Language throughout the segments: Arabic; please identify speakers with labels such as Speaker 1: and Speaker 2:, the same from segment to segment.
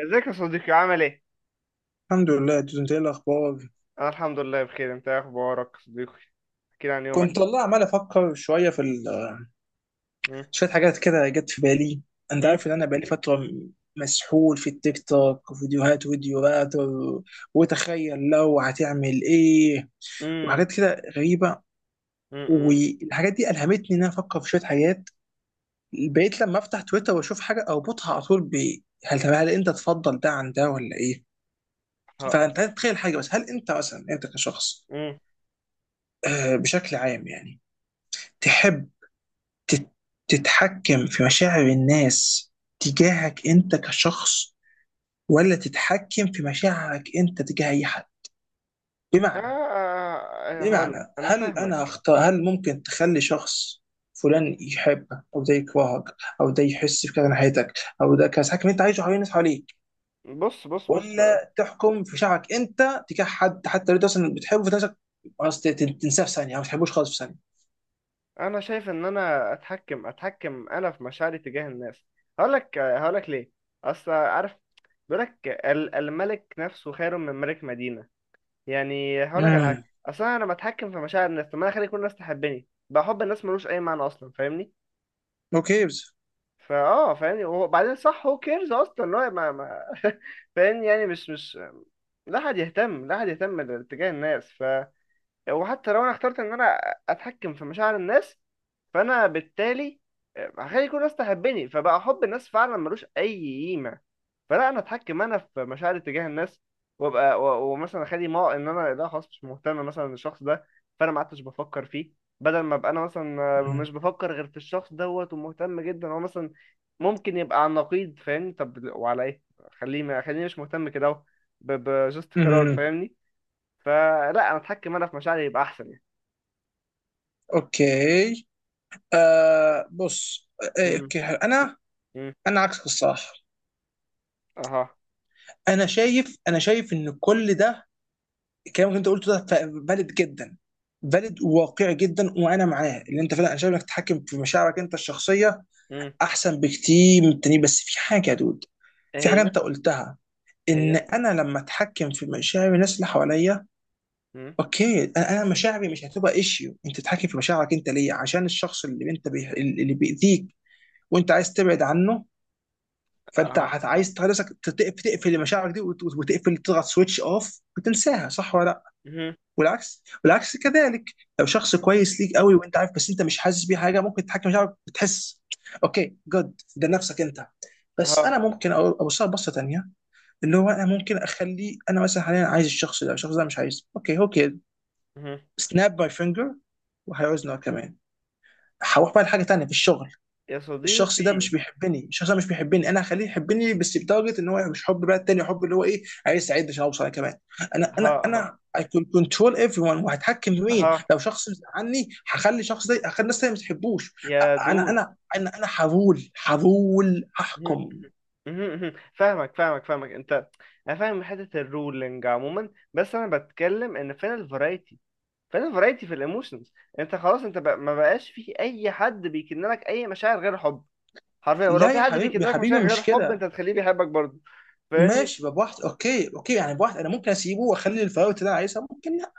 Speaker 1: ازيك يا صديقي؟ عامل ايه؟
Speaker 2: الحمد لله دوز. انت ايه الاخبار؟
Speaker 1: انا الحمد لله بخير. انت ايه اخبارك يا صديقي؟ احكي لي عن يومك.
Speaker 2: كنت والله عمال افكر شويه
Speaker 1: مم،
Speaker 2: شويه حاجات كده جت في بالي. انت
Speaker 1: مم،
Speaker 2: عارف ان انا بقالي فتره مسحول في التيك توك، وفيديوهات وتخيل لو هتعمل ايه،
Speaker 1: مم،
Speaker 2: وحاجات كده غريبه.
Speaker 1: مم، مم.
Speaker 2: والحاجات دي الهمتني ان انا افكر في شويه حاجات. بقيت لما افتح تويتر واشوف حاجه اربطها على طول ب طب هل انت تفضل ده عن ده ولا ايه.
Speaker 1: ه-
Speaker 2: فانت
Speaker 1: ه-
Speaker 2: تخيل حاجه، بس هل انت مثلا كشخص،
Speaker 1: مم.
Speaker 2: بشكل عام يعني، تحب تت- تتحكم في مشاعر الناس تجاهك انت كشخص، ولا تتحكم في مشاعرك انت تجاه اي حد؟
Speaker 1: آه،
Speaker 2: بمعنى،
Speaker 1: آه، آه، هقول لك انا
Speaker 2: هل انا
Speaker 1: فاهمك.
Speaker 2: اختار هل ممكن تخلي شخص فلان يحبك او ده يكرهك او ده يحس بكده ناحيتك او ده كذا، تحكم انت عايشه حوالين الناس حواليك،
Speaker 1: بص، بص، بص.
Speaker 2: ولا تحكم في شعرك انت تجاه حد، حتى لو انت اصلا بتحبه في نفسك خلاص تنساه في ثانيه او ما تحبوش خالص في ثانيه.
Speaker 1: انا شايف ان انا اتحكم انا في مشاعري تجاه الناس. هقول لك ليه. اصل عارف، بيقول لك الملك نفسه خير من ملك مدينة. يعني هقول لك على حاجة،
Speaker 2: امم
Speaker 1: اصل انا لما اتحكم في مشاعر الناس، طب ما انا اخلي كل الناس تحبني، بقى حب الناس ملوش اي معنى اصلا، فاهمني؟
Speaker 2: اوكي بس.
Speaker 1: فاهمني وبعدين، صح، هو كيرز اصلا؟ لا، ما فاهمني. يعني مش، لا حد يهتم، لا حد يهتم لاتجاه الناس. وحتى لو انا اخترت ان انا اتحكم في مشاعر الناس، فانا بالتالي هخلي كل الناس تحبني، فبقى حب الناس فعلا ملوش اي قيمه. فلا، انا اتحكم انا في مشاعري تجاه الناس، وابقى ومثلا اخلي، ما ان انا لا خلاص مش مهتم مثلا الشخص ده، فانا ما عدتش بفكر فيه، بدل ما ابقى انا مثلا مش
Speaker 2: امم
Speaker 1: بفكر غير في الشخص دوت ومهتم جدا هو مثلا. ممكن يبقى عن نقيض فاهمني؟ طب وعلى ايه؟ خليه، ما خليني مش مهتم كده اهو. بجست قرار،
Speaker 2: امم
Speaker 1: فاهمني؟ فلا، انا اتحكم انا في مشاعري يبقى احسن يعني.
Speaker 2: اوكي. آه، بص. آه، آه،
Speaker 1: امم.
Speaker 2: اوكي، حلو.
Speaker 1: امم.
Speaker 2: انا عكسك الصراحه.
Speaker 1: اها.
Speaker 2: انا شايف ان كل ده الكلام اللي انت قلته ده فاليد جدا، فاليد وواقعي جدا، وانا معاه. اللي انت فعلا، انا شايف انك تتحكم في مشاعرك انت الشخصيه
Speaker 1: امم.
Speaker 2: احسن بكتير من التانيين، بس في حاجه يا دود.
Speaker 1: ايه
Speaker 2: في حاجه
Speaker 1: هي؟
Speaker 2: انت قلتها
Speaker 1: ايه
Speaker 2: ان
Speaker 1: هي؟
Speaker 2: انا لما اتحكم في مشاعر الناس اللي حواليا،
Speaker 1: امم.
Speaker 2: اوكي، أنا مشاعري مش هتبقى ايشيو. انت تتحكم في مشاعرك انت ليه؟ عشان الشخص اللي انت اللي بيأذيك وانت عايز تبعد عنه، فانت
Speaker 1: اها، اها.
Speaker 2: عايز تخلي نفسك تقفل، مشاعرك دي وتقفل، تضغط سويتش اوف وتنساها، صح ولا لا؟
Speaker 1: امم.
Speaker 2: والعكس، كذلك. لو شخص كويس ليك قوي وانت عارف، بس انت مش حاسس بيه حاجه، ممكن تتحكم مشاعرك وتحس. اوكي، جود، ده نفسك انت. بس انا
Speaker 1: اها.
Speaker 2: ممكن اوصلها بصه تانيه، اللي هو انا ممكن اخلي انا مثلا حاليا عايز الشخص ده، الشخص ده مش عايزه. اوكي، اوكي.
Speaker 1: امم.
Speaker 2: سناب ماي فينجر، وهيعوزنا كمان. هروح بقى لحاجه تانيه في الشغل.
Speaker 1: يا
Speaker 2: الشخص ده
Speaker 1: صديقي.
Speaker 2: مش بيحبني، الشخص ده مش بيحبني، انا هخليه يحبني، بس بتارجت ان هو مش حب بقى التاني، حب اللي هو ايه، عايز يساعدني عشان اوصل انا كمان. انا انا
Speaker 1: اها، اها،
Speaker 2: انا I can control everyone. وهتحكم في مين؟
Speaker 1: اها.
Speaker 2: لو شخص عني، هخلي الشخص ده، هخلي الناس تانية ما تحبوش.
Speaker 1: يا دود.
Speaker 2: انا هرول
Speaker 1: مهم،
Speaker 2: هحكم.
Speaker 1: مهم، مهم. فاهمك، فاهمك، فاهمك انت. انا فاهم حته الرولينج عموما، بس انا بتكلم ان فين الفرايتي، فين الفرايتي في الايموشنز؟ انت خلاص، انت بقى ما بقاش في اي حد بيكن لك اي مشاعر غير حب، حرفيا. ولو
Speaker 2: لا
Speaker 1: في
Speaker 2: يا
Speaker 1: حد بيكن
Speaker 2: حبيبي، يا
Speaker 1: لك مشاعر
Speaker 2: حبيبي،
Speaker 1: غير
Speaker 2: مش
Speaker 1: حب انت
Speaker 2: كده.
Speaker 1: هتخليه بيحبك برضه. فاهمني؟
Speaker 2: ماشي، بواحد. اوكي، اوكي، يعني بواحد انا ممكن اسيبه واخلي الفراغات اللي انا عايزها ممكن. لا،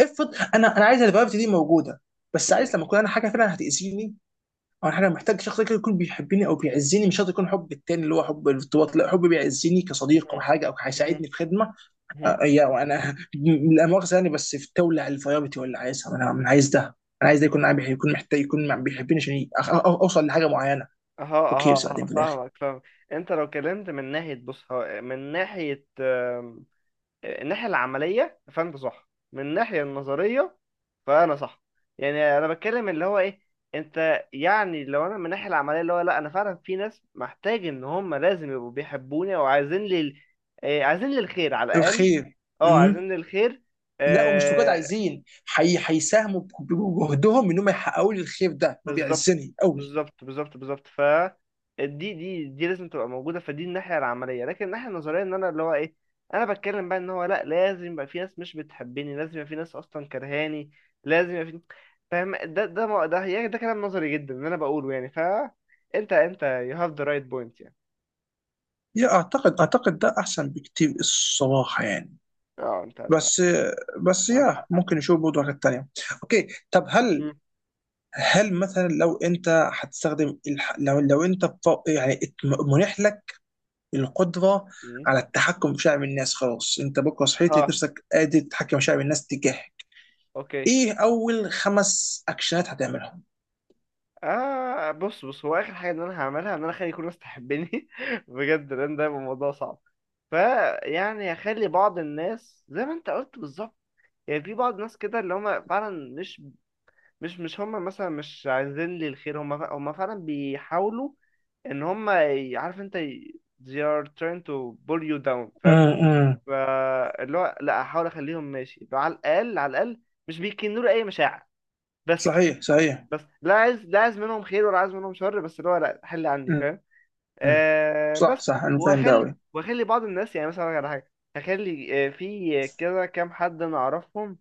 Speaker 2: افرض انا عايز الفراغات دي موجوده، بس
Speaker 1: مم.
Speaker 2: عايز لما اكون انا حاجه فعلا هتاذيني. اول حاجه، محتاج شخص كده يكون بيحبني او بيعزني، مش شرط يكون حب التاني اللي هو حب الارتباط، لا، حب بيعزني كصديق او
Speaker 1: مم.
Speaker 2: حاجه، او
Speaker 1: مم.
Speaker 2: هيساعدني في خدمه.
Speaker 1: مم.
Speaker 2: وانا لا مؤاخذه يعني بس في تولع الفيابتي ولا عايزها. أنا عايز ده. انا عايز ده يكون معايا يكون محتاج، بيحبني عشان اوصل لحاجه معينه.
Speaker 1: اها،
Speaker 2: اوكي بس
Speaker 1: اها، اها.
Speaker 2: بعدين في الاخر
Speaker 1: فاهمك، فاهمك. انت لو كلمت من ناحيه، بص، هو من ناحيه آم، الناحيه العمليه فانت صح، من الناحيه النظريه فانا صح. يعني انا بتكلم اللي هو ايه. انت يعني لو انا من الناحيه العمليه، اللي هو لا، انا فعلا في ناس محتاج ان هم لازم يبقوا بيحبوني او عايزين لي آه، عايزين لي الخير على الاقل.
Speaker 2: الخير.
Speaker 1: اه،
Speaker 2: امم
Speaker 1: عايزين لي الخير.
Speaker 2: لا، ومش فقط عايزين هيساهموا بجهدهم انهم يحققوا لي الخير ده، ما
Speaker 1: بالظبط،
Speaker 2: بيعزني قوي.
Speaker 1: بالظبط، بالظبط، بالظبط. ف دي لازم تبقى موجوده، فدي الناحيه العمليه. لكن الناحيه النظريه، ان انا اللي هو ايه، انا بتكلم بقى ان هو لا، لازم يبقى في ناس مش بتحبني، لازم يبقى في ناس اصلا كرهاني، لازم يبقى في. فاهم؟ ده ده يعني ده كلام نظري جدا اللي انا بقوله يعني. ف انت you have the right point يعني.
Speaker 2: اعتقد ده احسن بكتير الصراحه يعني.
Speaker 1: اه، انت انت.
Speaker 2: بس بس
Speaker 1: معاك حق.
Speaker 2: ممكن نشوف برضه حاجات تانية. اوكي، طب
Speaker 1: مم.
Speaker 2: هل مثلا لو انت هتستخدم لو انت منح لك القدرة
Speaker 1: مم.
Speaker 2: على التحكم في شعب الناس، خلاص، انت بكره صحيت لقيت
Speaker 1: ها.
Speaker 2: نفسك قادر تتحكم في شعب الناس تجاهك،
Speaker 1: اوكي.
Speaker 2: ايه اول 5 اكشنات هتعملهم؟
Speaker 1: آه، بص، بص، هو آخر حاجة إن أنا هعملها إن أنا أخلي كل الناس تحبني بجد، لأن ده يبقى موضوع صعب. فيعني هخلي بعض الناس زي ما أنت قلت بالظبط. يعني في بعض الناس كده اللي هما فعلا مش هما مثلا مش عايزين لي الخير، هما هما فعلا بيحاولوا إن هما عارف أنت، they are trying to pull you down، فاهم؟
Speaker 2: امم
Speaker 1: فاللي هو لأ، أحاول أخليهم ماشي على الأقل، على الأقل مش بيكنوا لي أي مشاعر، بس.
Speaker 2: صحيح،
Speaker 1: لا عايز، لا عايز منهم خير ولا عايز منهم شر، بس اللي هو لا حل عني،
Speaker 2: أمم،
Speaker 1: فاهم؟
Speaker 2: أمم.
Speaker 1: آه بس.
Speaker 2: صح، انا فاهم ده
Speaker 1: وهخلي
Speaker 2: قوي.
Speaker 1: وهخلي بعض الناس، يعني مثلا أقول لك على حاجه، هخلي آه في كده كام حد انا اعرفهم،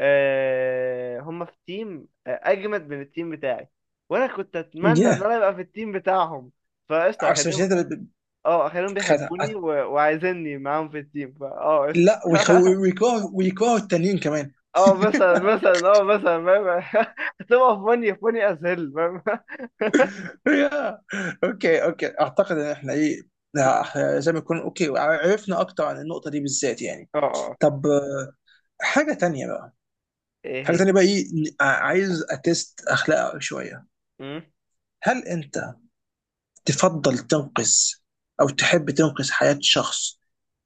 Speaker 1: آه هم في تيم آه اجمد من التيم بتاعي، وانا كنت اتمنى ان
Speaker 2: ياه.
Speaker 1: انا ابقى في التيم بتاعهم. فقشطه،
Speaker 2: عشان مش
Speaker 1: اخليهم،
Speaker 2: انت
Speaker 1: اه اخليهم
Speaker 2: بتخدع.
Speaker 1: بيحبوني و... وعايزيني معاهم في التيم، فا اه قشطه
Speaker 2: لا ويكرهوا التانيين كمان.
Speaker 1: اه مثلا، مثلا اه مثلا فاهم هتبقى فوني، فوني از هيل، فاهم؟
Speaker 2: يا. اوكي، اعتقد ان احنا ايه، لا، إحنا زي ما يكون اوكي، عرفنا اكتر عن النقطه دي بالذات يعني.
Speaker 1: اه، آه.
Speaker 2: طب، حاجه تانية بقى.
Speaker 1: ايه هي؟
Speaker 2: ايه، عايز اتست اخلاقك شويه.
Speaker 1: مم؟
Speaker 2: هل انت تفضل تنقذ، او تحب تنقذ حياه شخص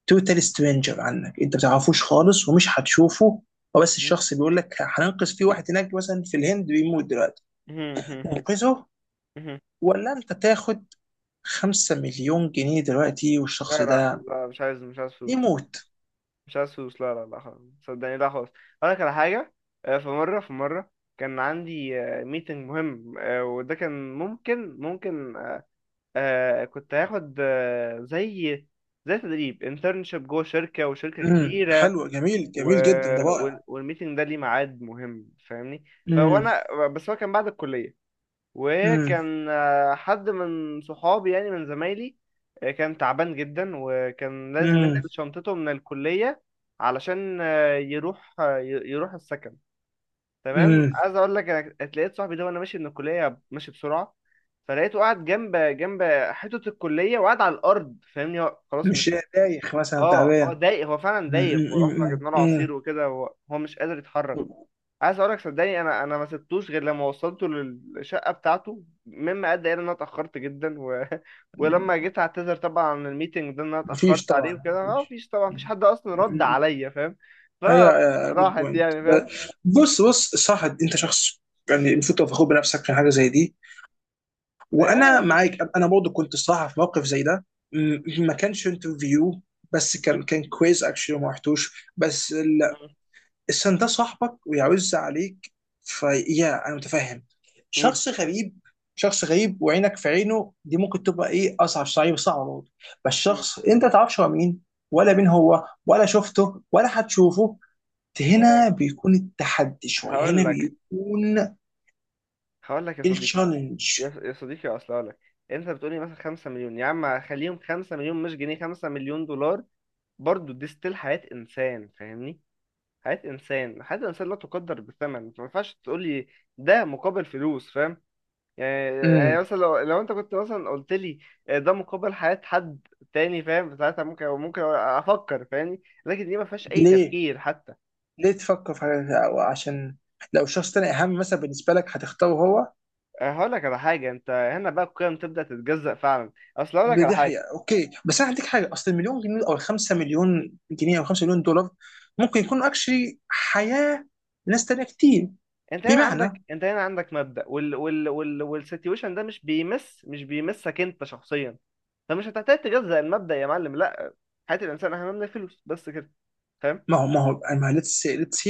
Speaker 2: توتال سترينجر عنك، انت ما تعرفوش خالص ومش هتشوفه، هو بس
Speaker 1: مم؟
Speaker 2: الشخص بيقول لك هننقذ في واحد هناك مثلا في الهند بيموت دلوقتي،
Speaker 1: مم؟ مم؟
Speaker 2: ننقذه،
Speaker 1: مم؟
Speaker 2: ولا انت تاخد 5 مليون جنيه دلوقتي
Speaker 1: لا،
Speaker 2: والشخص
Speaker 1: لا،
Speaker 2: ده
Speaker 1: لا، مش عايز، مش عايز فلوس، مش عايز
Speaker 2: يموت؟
Speaker 1: فلوس، مش عايز فلوس، لا، لا، لا، خلاص صدقني، لا خلاص. اقول لك على حاجه. آه، في مره كان عندي ميتنج مهم، آه، وده كان ممكن آه، كنت هاخد آه، زي، زي تدريب انترنشيب جوه شركه، وشركه كبيره،
Speaker 2: حلو، جميل،
Speaker 1: و...
Speaker 2: جدا، ده رائع.
Speaker 1: والميتنج ده ليه ميعاد مهم فاهمني.
Speaker 2: امم
Speaker 1: فوانا بس هو كان بعد الكليه،
Speaker 2: امم
Speaker 1: وكان آه، حد من صحابي يعني من زمايلي، آه، كان تعبان جدا، وكان لازم
Speaker 2: امم
Speaker 1: ينقل شنطته من الكلية علشان آه، يروح آه، يروح السكن. تمام،
Speaker 2: امم،
Speaker 1: عايز اقول لك انا اتلقيت صاحبي ده وانا ماشي من الكلية، ماشي بسرعة. فلقيته قاعد جنب جنب حيطة الكلية، وقاعد على الأرض، فاهمني، هو خلاص
Speaker 2: مش
Speaker 1: مش.
Speaker 2: دايخ مثلا،
Speaker 1: اه اه،
Speaker 2: تعبان؟
Speaker 1: دايخ، هو فعلا
Speaker 2: مم،
Speaker 1: دايخ. ورحنا جبنا له عصير وكده، هو مش قادر يتحرك. عايز اقولك صدقني، انا ما سبتوش غير لما وصلته للشقه بتاعته، مما ادى الى ان انا اتاخرت جدا و...
Speaker 2: مم.
Speaker 1: ولما جيت اعتذر طبعا عن الميتنج ده، ان انا
Speaker 2: مفيش
Speaker 1: اتاخرت عليه
Speaker 2: طبعا
Speaker 1: وكده، ما
Speaker 2: مفيش.
Speaker 1: فيش طبعا، مفيش
Speaker 2: مم،
Speaker 1: حد اصلا رد
Speaker 2: مم.
Speaker 1: عليا، فاهم؟
Speaker 2: ايوه، يا جود
Speaker 1: فراحت
Speaker 2: بوينت.
Speaker 1: يعني، فاهم؟
Speaker 2: بص بص. صح، انت شخص يعني المفروض تبقى فخور بنفسك في حاجه زي دي، وانا
Speaker 1: يا-
Speaker 2: معاك. انا برضه كنت الصراحه في موقف زي ده، مم، ما كانش انترفيو، بس
Speaker 1: م-
Speaker 2: كان كويز اكشلي ما رحتوش بس. السن ده صاحبك ويعز عليك، فيا انا متفهم.
Speaker 1: م-
Speaker 2: شخص غريب. شخص غريب وعينك في عينه دي ممكن تبقى ايه، اصعب، صعب برضه. بس
Speaker 1: م.
Speaker 2: شخص انت ما تعرفش هو مين، ولا مين هو، ولا شفته ولا هتشوفه،
Speaker 1: آه،
Speaker 2: هنا بيكون التحدي شويه،
Speaker 1: هقول
Speaker 2: هنا
Speaker 1: لك
Speaker 2: بيكون
Speaker 1: هقول لك يا صديقي،
Speaker 2: التشالنج.
Speaker 1: يا صديقي اصل هقول لك، انت بتقولي مثلا 5 مليون؟ يا عم خليهم 5 مليون مش جنيه، 5 مليون دولار، برضه دي ستيل حياه انسان فاهمني. حياة إنسان، حياة إنسان لا تقدر بثمن، فما ينفعش تقول لي ده مقابل فلوس، فاهم؟ يعني،
Speaker 2: امم
Speaker 1: يعني مثلا لو، لو أنت كنت مثلا قلت لي آه، ده مقابل حياة حد تاني فاهم، ساعتها ممكن، ممكن أفكر فاهمني، لكن دي ما فيهاش أي
Speaker 2: ليه،
Speaker 1: تفكير حتى.
Speaker 2: تفكر في عشان لو شخص تاني اهم مثلا بالنسبه لك هتختاره هو.
Speaker 1: آه، هقول لك على حاجة، أنت هنا بقى القيم تبدأ تتجزأ فعلا. أصل هقول لك على
Speaker 2: دي
Speaker 1: حاجة،
Speaker 2: حقيقة، اوكي، بس انا هديك حاجة، اصل المليون جنيه او الـ5 مليون جنيه او 5 مليون دولار ممكن يكون اكشلي حياة ناس تانية كتير.
Speaker 1: انت هنا
Speaker 2: بمعنى،
Speaker 1: عندك، انت هنا عندك مبدأ، وال والسيتويشن ده مش بيمسك انت شخصيا، فمش هتحتاج تجزأ المبدأ يا معلم. لا، حياة الانسان اهم من الفلوس، بس كده. فاهم؟
Speaker 2: ما ليتس،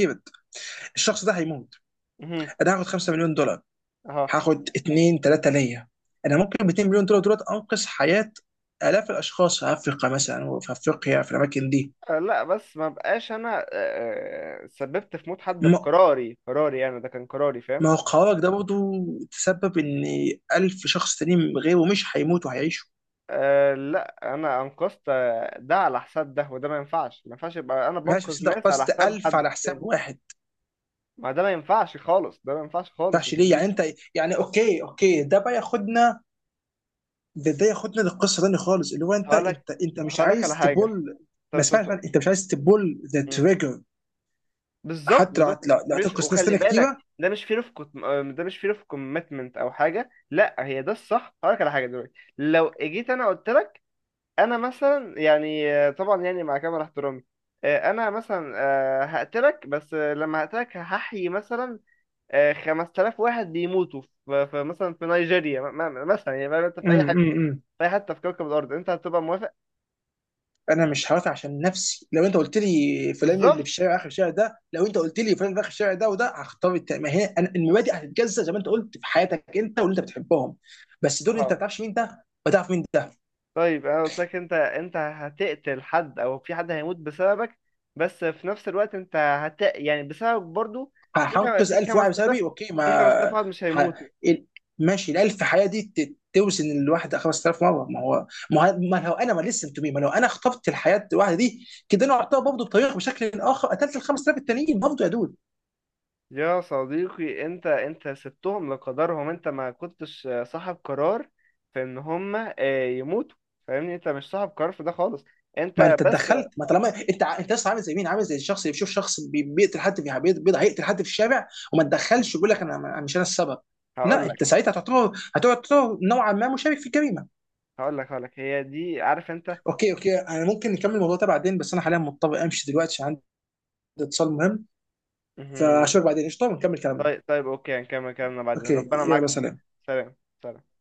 Speaker 2: الشخص ده هيموت،
Speaker 1: مهم.
Speaker 2: انا هاخد 5 مليون دولار،
Speaker 1: اها.
Speaker 2: هاخد 2 3 ليا، انا ممكن ب 2 مليون دولار انقذ حياة الاف الاشخاص في افريقيا مثلا، وفي افريقيا في الاماكن دي.
Speaker 1: آه، لا بس ما بقاش انا آه، آه، سببت في موت حد
Speaker 2: ما
Speaker 1: بقراري، قراري يعني، ده كان قراري، فاهم؟
Speaker 2: ما هو قرارك ده برضه تسبب ان 1000 شخص تانيين غيره مش هيموتوا، هيعيشوا.
Speaker 1: أه لا، انا انقذت آه، ده على حساب ده، وده ما ينفعش، ما ينفعش يبقى انا
Speaker 2: ماشي، بس
Speaker 1: بنقذ
Speaker 2: انت
Speaker 1: ناس على
Speaker 2: قصت
Speaker 1: حساب
Speaker 2: 1000
Speaker 1: حد
Speaker 2: على حساب
Speaker 1: تاني.
Speaker 2: واحد.
Speaker 1: ما ده ما ينفعش خالص، ده ما ينفعش خالص يا
Speaker 2: تفتحش ليه يعني
Speaker 1: صديقي.
Speaker 2: انت؟ يعني اوكي، ده بقى ياخدنا. ده ياخدنا للقصه تاني خالص، اللي هو
Speaker 1: هقولك
Speaker 2: انت مش
Speaker 1: هقولك على
Speaker 2: عايز
Speaker 1: حاجة،
Speaker 2: تبول.
Speaker 1: طب
Speaker 2: ما
Speaker 1: استنى.
Speaker 2: اسمعني، انت مش عايز تبول ذا
Speaker 1: مم.
Speaker 2: تريجر.
Speaker 1: بالظبط،
Speaker 2: حتى لو
Speaker 1: بالظبط.
Speaker 2: لو
Speaker 1: مش،
Speaker 2: هتنقص ناس
Speaker 1: وخلي
Speaker 2: تانيه
Speaker 1: بالك
Speaker 2: كتيره.
Speaker 1: ده مش فير اوف، ده مش فير اوف كوميتمنت او حاجه، لا هي ده الصح. هقولك على حاجه، دلوقتي لو جيت انا قلت لك، انا مثلا يعني آه، طبعا يعني مع كامل احترامي، آه، انا مثلا آه، هقتلك، بس آه، لما هقتلك هحيي مثلا آه، 5000 واحد بيموتوا في مثلا في نيجيريا، مثلا يعني فاهم، انت في اي حته،
Speaker 2: امم.
Speaker 1: في اي حته في كوكب الارض، انت هتبقى موافق؟
Speaker 2: انا مش هوافق، عشان نفسي لو انت قلت لي فلان اللي في
Speaker 1: بالظبط.
Speaker 2: الشارع اخر الشارع ده، لو انت قلت لي فلان اللي في اخر الشارع ده وده، هختار ما هي المبادئ هتتجزأ زي ما انت قلت في حياتك انت واللي انت بتحبهم. بس دول انت ما بتعرفش مين ده، ما تعرف مين ده.
Speaker 1: طيب انا قلت لك انت، انت هتقتل حد او في حد هيموت بسببك، بس في نفس الوقت انت هت يعني، بسببك برضو في خم...
Speaker 2: هنقذ
Speaker 1: في
Speaker 2: 1000 واحد بسببي
Speaker 1: 5000،
Speaker 2: اوكي،
Speaker 1: في 5000
Speaker 2: ما
Speaker 1: واحد مش
Speaker 2: ح...
Speaker 1: هيموتوا.
Speaker 2: ال- ماشي، ال 1000 حياه دي توزن الواحد 5000 مره. ما هو ما لو انا خطفت الحياه الواحده دي، كده انا اعتبر برضه بطريقه بشكل اخر قتلت ال 5000 التانيين برضه يا دود.
Speaker 1: يا صديقي، انت، انت سبتهم لقدرهم، انت ما كنتش صاحب قرار في ان هم آه، يموتوا، فاهمني؟ انت مش صاحب قرار في ده خالص.
Speaker 2: ما
Speaker 1: انت
Speaker 2: انت
Speaker 1: بس.
Speaker 2: اتدخلت. ما طالما انت انت لسه عامل زي مين، عامل زي الشخص اللي بيشوف شخص بيقتل حد في هيقتل حد في الشارع وما تدخلش، ويقول لك أنا مش انا السبب.
Speaker 1: هقول
Speaker 2: لا، انت
Speaker 1: لك
Speaker 2: ساعتها هتعتبر، نوعا ما مشارك في الجريمه.
Speaker 1: هقول لك هي دي، عارف انت.
Speaker 2: اوكي، انا ممكن نكمل الموضوع ده بعدين، بس انا حاليا مضطر امشي دلوقتي عشان اتصال مهم.
Speaker 1: مهم.
Speaker 2: فاشوفك بعدين قشطه، ونكمل كلامنا.
Speaker 1: طيب، طيب، اوكي، هنكمل كلامنا بعدين،
Speaker 2: اوكي،
Speaker 1: ربنا معاك
Speaker 2: يلا
Speaker 1: يا صديقي.
Speaker 2: سلام.
Speaker 1: سلام. سلام.